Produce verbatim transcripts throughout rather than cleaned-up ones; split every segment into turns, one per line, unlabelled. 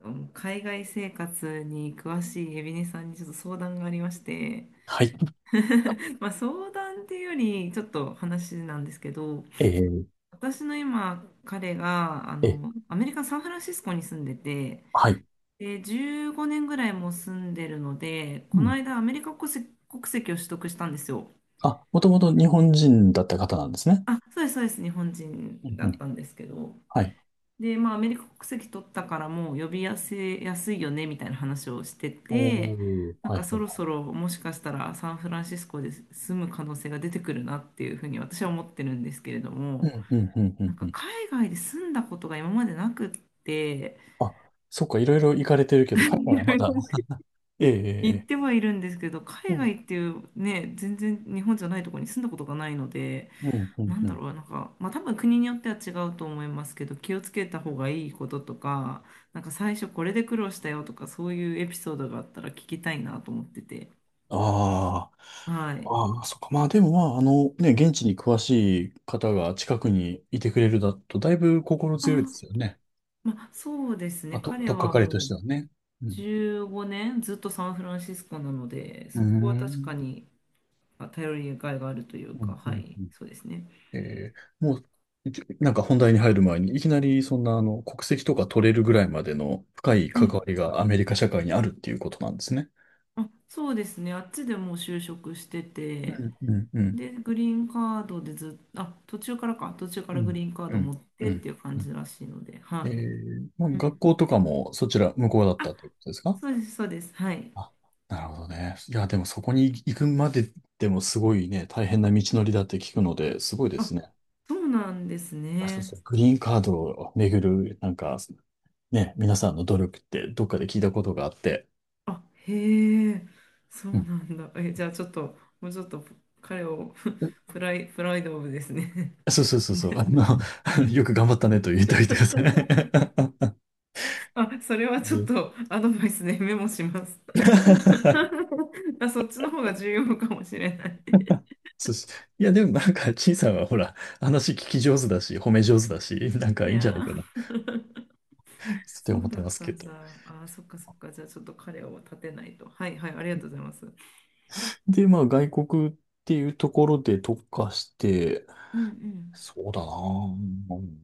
うん海外生活に詳しいエビネさんにちょっと相談がありまして、
はい。
まあ相談っていうよりちょっと話なんですけど、
えー
私の今彼があ
え、
のアメリカ・サンフランシスコに住んでて、
はい。
でじゅうごねんぐらいもう住んでるので、こ
う
の
ん。
間アメリカ国籍、国籍を取得したんですよ。
あ、もともと日本人だった方なんですね。
あ、そうですそうです、日本人
うん
だ
う
っ
ん。
たんですけど、
はい。
で、まあ、アメリカ国籍取ったからもう呼び寄せやすいよねみたいな話をして
お
て、
ー、
なん
はい
か
はいは
そ
い。
ろそろもしかしたらサンフランシスコで住む可能性が出てくるなっていうふうに私は思ってるんですけれど
う
も、
ん、うん、うん、う
なん
ん、う
か
ん。
海外で住んだことが今までなくって、
あ、そっか、いろいろ行かれてる けど、海
い
外は
ろ
ま
い
だ、
ろ
ええええ
言っ
ええ、
てはいるんですけど、
う
海外
ん、
っていうね、全然日本じゃないところに住んだことがないので、
うん、う
な
ん、
ん
う
だ
ん。
ろう、なんか、まあ多分国によっては違うと思いますけど、気をつけた方がいいこととか、なんか最初これで苦労したよとか、そういうエピソードがあったら聞きたいなと思ってて。
あ
はい。
あ、ああ、そっか。まあでもまあ、あの、ね、現地に詳しい方が近くにいてくれるだと、だいぶ心
あ、
強いですよね。
まあそうですね。
まあ、と、
彼
とっか
は
かりと
も
し
う
てはね。うん。
じゅうごねんずっとサンフランシスコなので、
うー
そこは確か
ん。
にあ頼りがいがあるという
う
か、
ん、う
は
ん、
い、
うん。
そうですね。
えーもう、いきなんか本題に入る前に、いきなりそんなあの国籍とか取れるぐらいまでの深い
う
関
ん
わりがアメリカ社会にあるっていうことなんですね。
あ、そうですね。あっちでもう就職して
う
て、
んうんうん
で、グリーンカードでずっと、あ、途中からか、途中か
う
らグ
ん
リーンカード
う
持
ん
っ
う
てって
ん
いう感
う
じ
ん。
らしいので、
え
はい。
ーまあ、
うん。
学校とかもそちら向こうだったってことですか。
そうです、そうです。はい。
あ、なるほどね。いや、でもそこに行くまで、でもすごいね、大変な道のりだって聞くので、すごいで
あ、
すね。
そうなんです
あ、そう
ね。
そう、グリーンカードをめぐる、なんか、ね、皆さんの努力ってどっかで聞いたことがあって、
あ、へえ、そう
うん、
なんだ。え、じゃあちょっと、もうちょっと彼を、 プライ、プライドオブですね。
そうそうそうそう。あの、よく頑張ったねと言っておいてください。
あ、それはちょっ
で
とアドバイスでメモします。あ、そっちの方が重要かもしれない。
そうし、いや、でもなんか、陳さんはほら、話聞き上手だし、褒め上手だし、なん
い
かいいんじゃな
や
いかなっ
ー、
て
そう
思っ
だ
て
っ
ます
た
け
ん
ど。
だ。あー、そっかそっか。じゃあちょっと彼を立てないと。はいはい、ありがとうございます。
で、まあ、外国っていうところで特化して、
うん
そうだなぁ。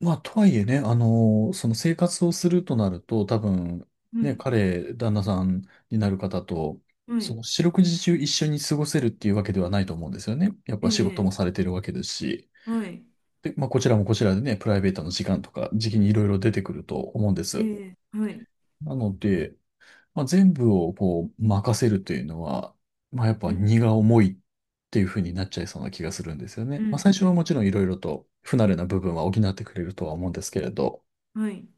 まあ、とはいえね、あの、その生活をするとなると、多分、
うん。は
ね、
い、
彼、旦那さんになる方と、
は
そ
い、
の四六時中一緒に過ごせるっていうわけではないと思うんですよね。やっ
え
ぱ仕事も
え、
されてるわけですし、
はい、
で、まあ、こちらもこちらでね、プライベートの時間とか、時期にいろいろ出てくると思うんで
え
す。
え、はい、
なので、まあ、全部をこう、任せるというのは、まあ、やっ
う
ぱ
ん、
荷が重いっていうふうになっちゃいそうな気がするんですよ
う
ね。まあ、
ん、
最
う
初は
ん、
もちろんいろいろと不慣れな部分は補ってくれるとは思うんですけれど、
はい。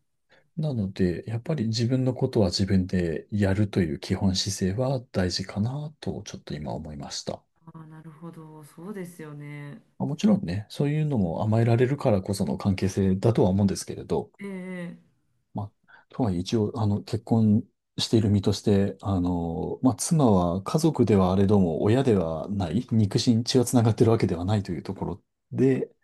なので、やっぱり自分のことは自分でやるという基本姿勢は大事かなと、ちょっと今思いました。
ああ、なるほど。そうですよね。
まあ、もちろんね、そういうのも甘えられるからこその関係性だとは思うんですけれど、
ええ、
まあ、とはいえ一応、あの、結婚している身として、あの、まあ、妻は家族ではあれども、親ではない、肉親、血はつながってるわけではないというところで、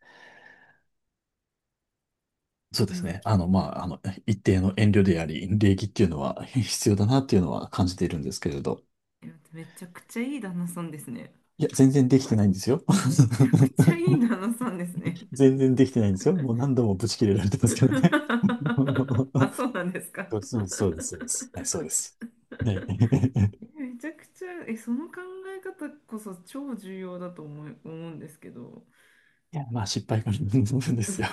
そう
う
で
ん。
す
い
ね。あの、まあ、あの、一定の遠慮であり、礼儀っていうのは 必要だなっていうのは感じているんですけれど。
や、めちゃくちゃいい旦那さんですね。
いや、全然できてないんですよ。
めちゃくちゃいい 旦那さんですね。
全然できてないんですよ。もう何度もブチ切れられてますけどね。
あ、そうなんですか。
そうそうそうです、そうです。はい、そうです。はい。
めちゃくちゃ、え、その考え方こそ超重要だと思い、思うんですけど。
いや、まあ失敗からなんですよ。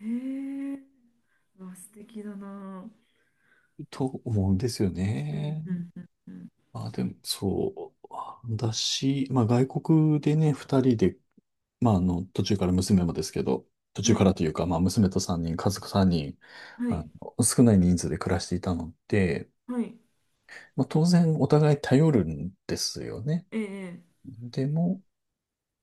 へえー、わ素敵だな。
と思うんですよ
うん
ね。
うんうんうん。
まあでも、そう。私、まあ外国でね、ふたりで、まああの、途中から娘もですけど、途
は
中か
い、
らというか、まあ娘とさんにん、かぞくさんにん、
は
あ
い、
の、少ない人数で暮らしていたので、
はい、
まあ当然お互い頼るんですよね。
ええ、
でも、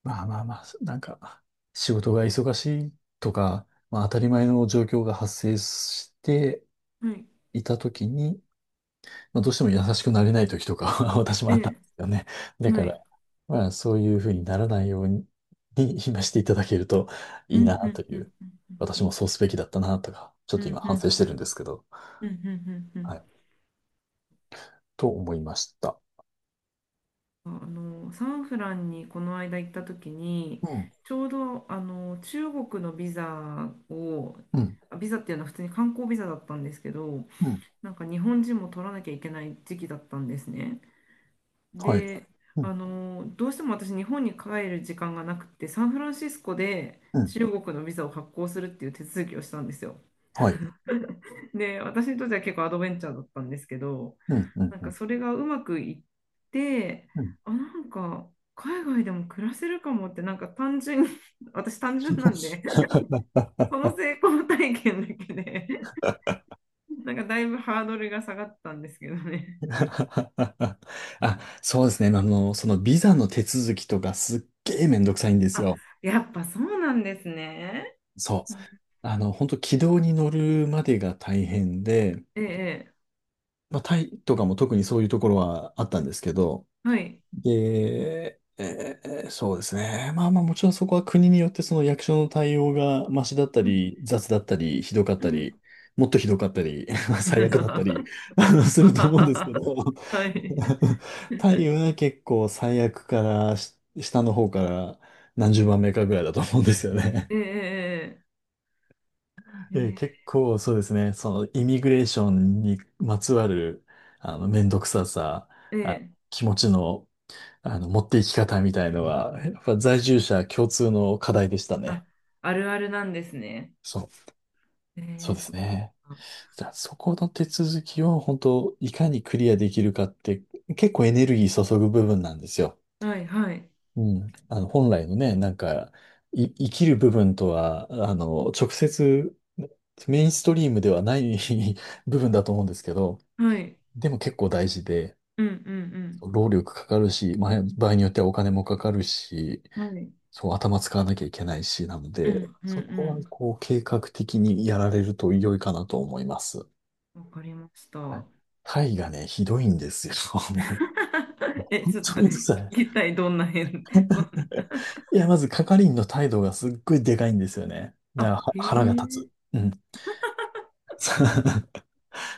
まあまあまあ、なんか、仕事が忙しいとか、まあ当たり前の状況が発生して
はい、
いたときに、まあどうしても優しくなれないときとかは 私
え
もあったん
え、
ですよね。だか
は
ら、
い。
まあそういうふうにならないように、に今していただけると
うん
いい
う
なと
んう
い
ん
う、
う
私
ん
もそうすべきだったなとか、ちょっ
うんう
と
ん
今
う
反省してるん
ん
ですけど、
うんうんうんうんう
は
ん、
い、と思いました。
あのサンフランにこの間行った時に
うん、
ちょうどあの中国のビザを、
うん、
あビザっていうのは普通に観光ビザだったんですけど、
うん、
なんか日本人も取らなきゃいけない時期だったんですね。
はい。
で、
うん、
あの、どうしても私、日本に帰る時間がなくて、サンフランシスコで
うん、
中国のビザを発行するっていう手続きをしたんですよ。
はい。
で、私にとっては結構アドベンチャーだったんですけど、
うん、うん、
なん
う
か
ん。
それがうまくいって、
うん。
あ、なんか海外でも暮らせるかもって、なんか単純に、 私単純なんで、そ の成功体験だけで、なんかだいぶハードルが下がったんですけどね。
あ、そうですね。あの、そのビザの手続きとかすっげえめんどくさいんです
あ、
よ。
やっぱそうなんですね。
そう。あの、本当軌道に乗るまでが大変で、
ええ、え
まあ、タイとかも特にそういうところはあったんですけど、
えはい。
で、えーそうですね。まあまあもちろんそこは国によってその役所の対応がマシだった
うん。
り、雑だったり、ひどかっ
う
た
ん。
り、もっとひどかったり、最悪だったり、あの、すると思うんですけど、
はい。
太陽は結構最悪からし下の方からなんじゅうばんめかぐらいだと思うんですよね。
ええ
えー
ええ
結構そうですね、そのイミグレーションにまつわるあの面倒くささ、あ、
ええ、
気持ちの、あの持っていき方みたいのは、やっぱ在住者共通の課題でした
あ、
ね。
あるあるなんですね。
そう、
え
そう
え
で
そっ
す
か。
ね。じゃあそこの手続きを本当いかにクリアできるかって結構エネルギー注ぐ部分なんですよ。
はいはい。
うん。あの、本来のね、なんか、い、生きる部分とは、あの、直接、メインストリームではない 部分だと思うんですけど、
はい。
でも結構大事で、
うんうん
労力かかるし、まあ、場合によってはお金もかかるし、
うん。はい。
そう、頭使わなきゃいけないし、なの
う
で、
んう
そこは、
ん
こう、計画的にやられると良いかなと思います。
うん。わかりまし
は
た。
い。タイがね、ひどいんですよ。もう、
え、
本
ちょっと
当にうる
聞
さい。
きたい、どんな変、どんな、
いや、まず係員の態度がすっごいでかいんですよね。だか
あ、
らは
へ
腹が立
え、
つ。うん。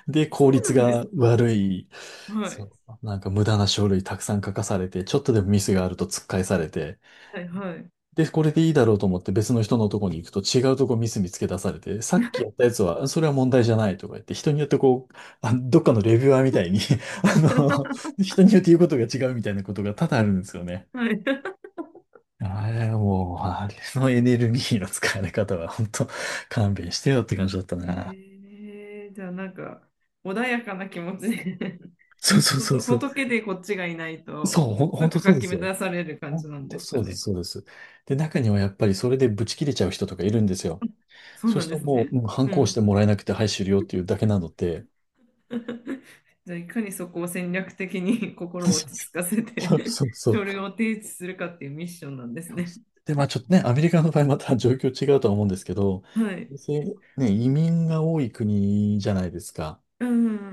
で、
そ
効
う
率
なんです
が
か。
悪い。
は
そ
い。
う。なんか無駄な書類たくさん書かされて、ちょっとでもミスがあると突っ返されて、
はいはい。
で、これでいいだろうと思って別の人のとこに行くと違うとこミス見つけ出されて、さっきやったやつは、それは問題じゃないとか言って、人によってこう、あ、どっかのレビュアーみたいに あの、人によって言うことが違うみたいなことが多々あるんですよね。
はい。
あれ、もう、あれのエネルギーの使われ方は、本当勘弁してよって感じだったな。
ええじゃあなんか、穏やかな気持ちで
そうそう
ほ
そう
と
そう。
仏でこっちがいないと、
そう、
も
ほ
う
ん、
す
本当
ぐ
そう
か
で
き
すよ。
乱される感じ
本
なんで
当
すか
そうで
ね。
す、そうです。で、中にはやっぱりそれでブチ切れちゃう人とかいるんですよ。
そう
そう
なん
する
で
と
す
も
ね。
う、うん、反
う
抗し
ん。
てもらえなくて、はい、終了っていうだけなので。
じゃあ、いかにそこを戦略的に、 心を 落ち着かせて、
そうそう そう。
書類を提出するかっていうミッションなんですね。
で、まあちょっとね、アメリカの場合また状況違うとは思うんですけど、
はい。
別にね、移民が多い国じゃないですか。
う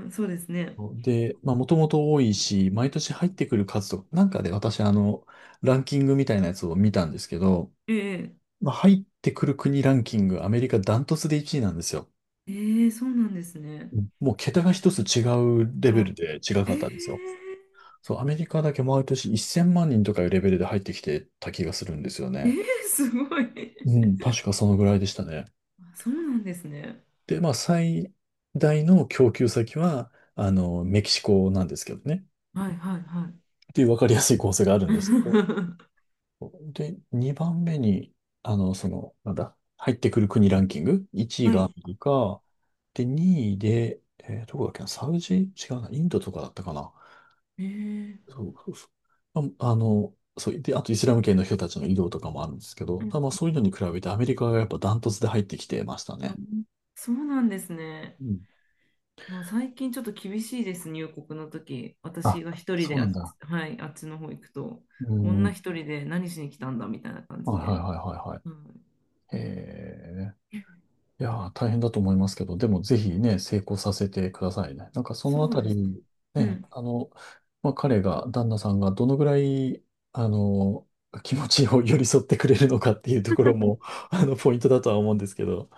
ん、そうですね。
で、まあ、もともと多いし、毎年入ってくる数とか、なんかで私、あの、ランキングみたいなやつを見たんですけど、
ええ
まあ、入ってくる国ランキング、アメリカダントツでいちいなんですよ。
ええそうなんですね。
うん、もう桁が一つ違うレベルで違
あ、
か
え
ったんですよ。
え
そう、アメリカだけ毎年いっせんまん人とかいうレベルで入ってきてた気がするんですよ
え
ね。
えすごい。
うん、確かそのぐらいでしたね。
あそうなんですね。
で、まあ、最大の供給先は、あの、メキシコなんですけどね。
はいはいはい。
っていう分かりやすい構成があるんですけど、で、にばんめに、あの、その、なんだ、入ってくる国ランキング、いちい
は
がアメ
い。
リカ、で、にいで、えーどこだっけな、サウジ違うな、インドとかだったかな。
ええ
そうそうそう。あ、あの、そう、で、あとイスラム圏の人たちの移動とかもあるんですけど、
うん
ただまあそういうのに比べてアメリカがやっぱダントツで入ってきてました
う
ね。
んそうなんですね。
うん。
もう最近ちょっと厳しいですね、入国の時。私
あ、
が一人
そ
で
う
あ
な
っ
ん
ち、
だ。
はい、あっちの方行くと、
う
女
ん。
一人で何しに来たんだみたいな感
は
じ
い
で。
はいはいはいはい。
うん、
へえ。いやー、大変だと思いますけど、でもぜひね、成功させてくださいね。なんかその
そ
あ
う
た
ですね。
り、ね、
う
あの、まあ、彼が、旦那さんがどのぐらい、あの、気持ちを寄り添ってくれるのかっていうところも、あの、ポイントだとは思うんですけど。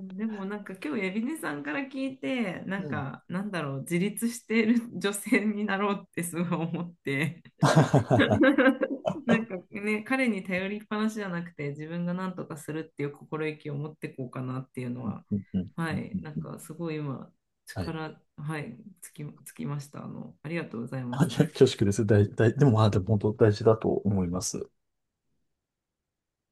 ん。でもなんか今日、エビネさんから聞いて、な
う
ん
ん。
か、なんだろう、自立している女性になろうってすごい思って。なんかね、彼に頼りっぱなしじゃなくて、自分が何とかするっていう心意気を持っていこうかなっていうの
うん
は、
うんうん
は
う
い、
ん
なん
うん、
かすごい今、
はい。
力、はい、つき、つきました。あの、ありがとうございま
あ、い
す。
や恐縮です。大、大、でも、まあ、でも本当大事だと思います。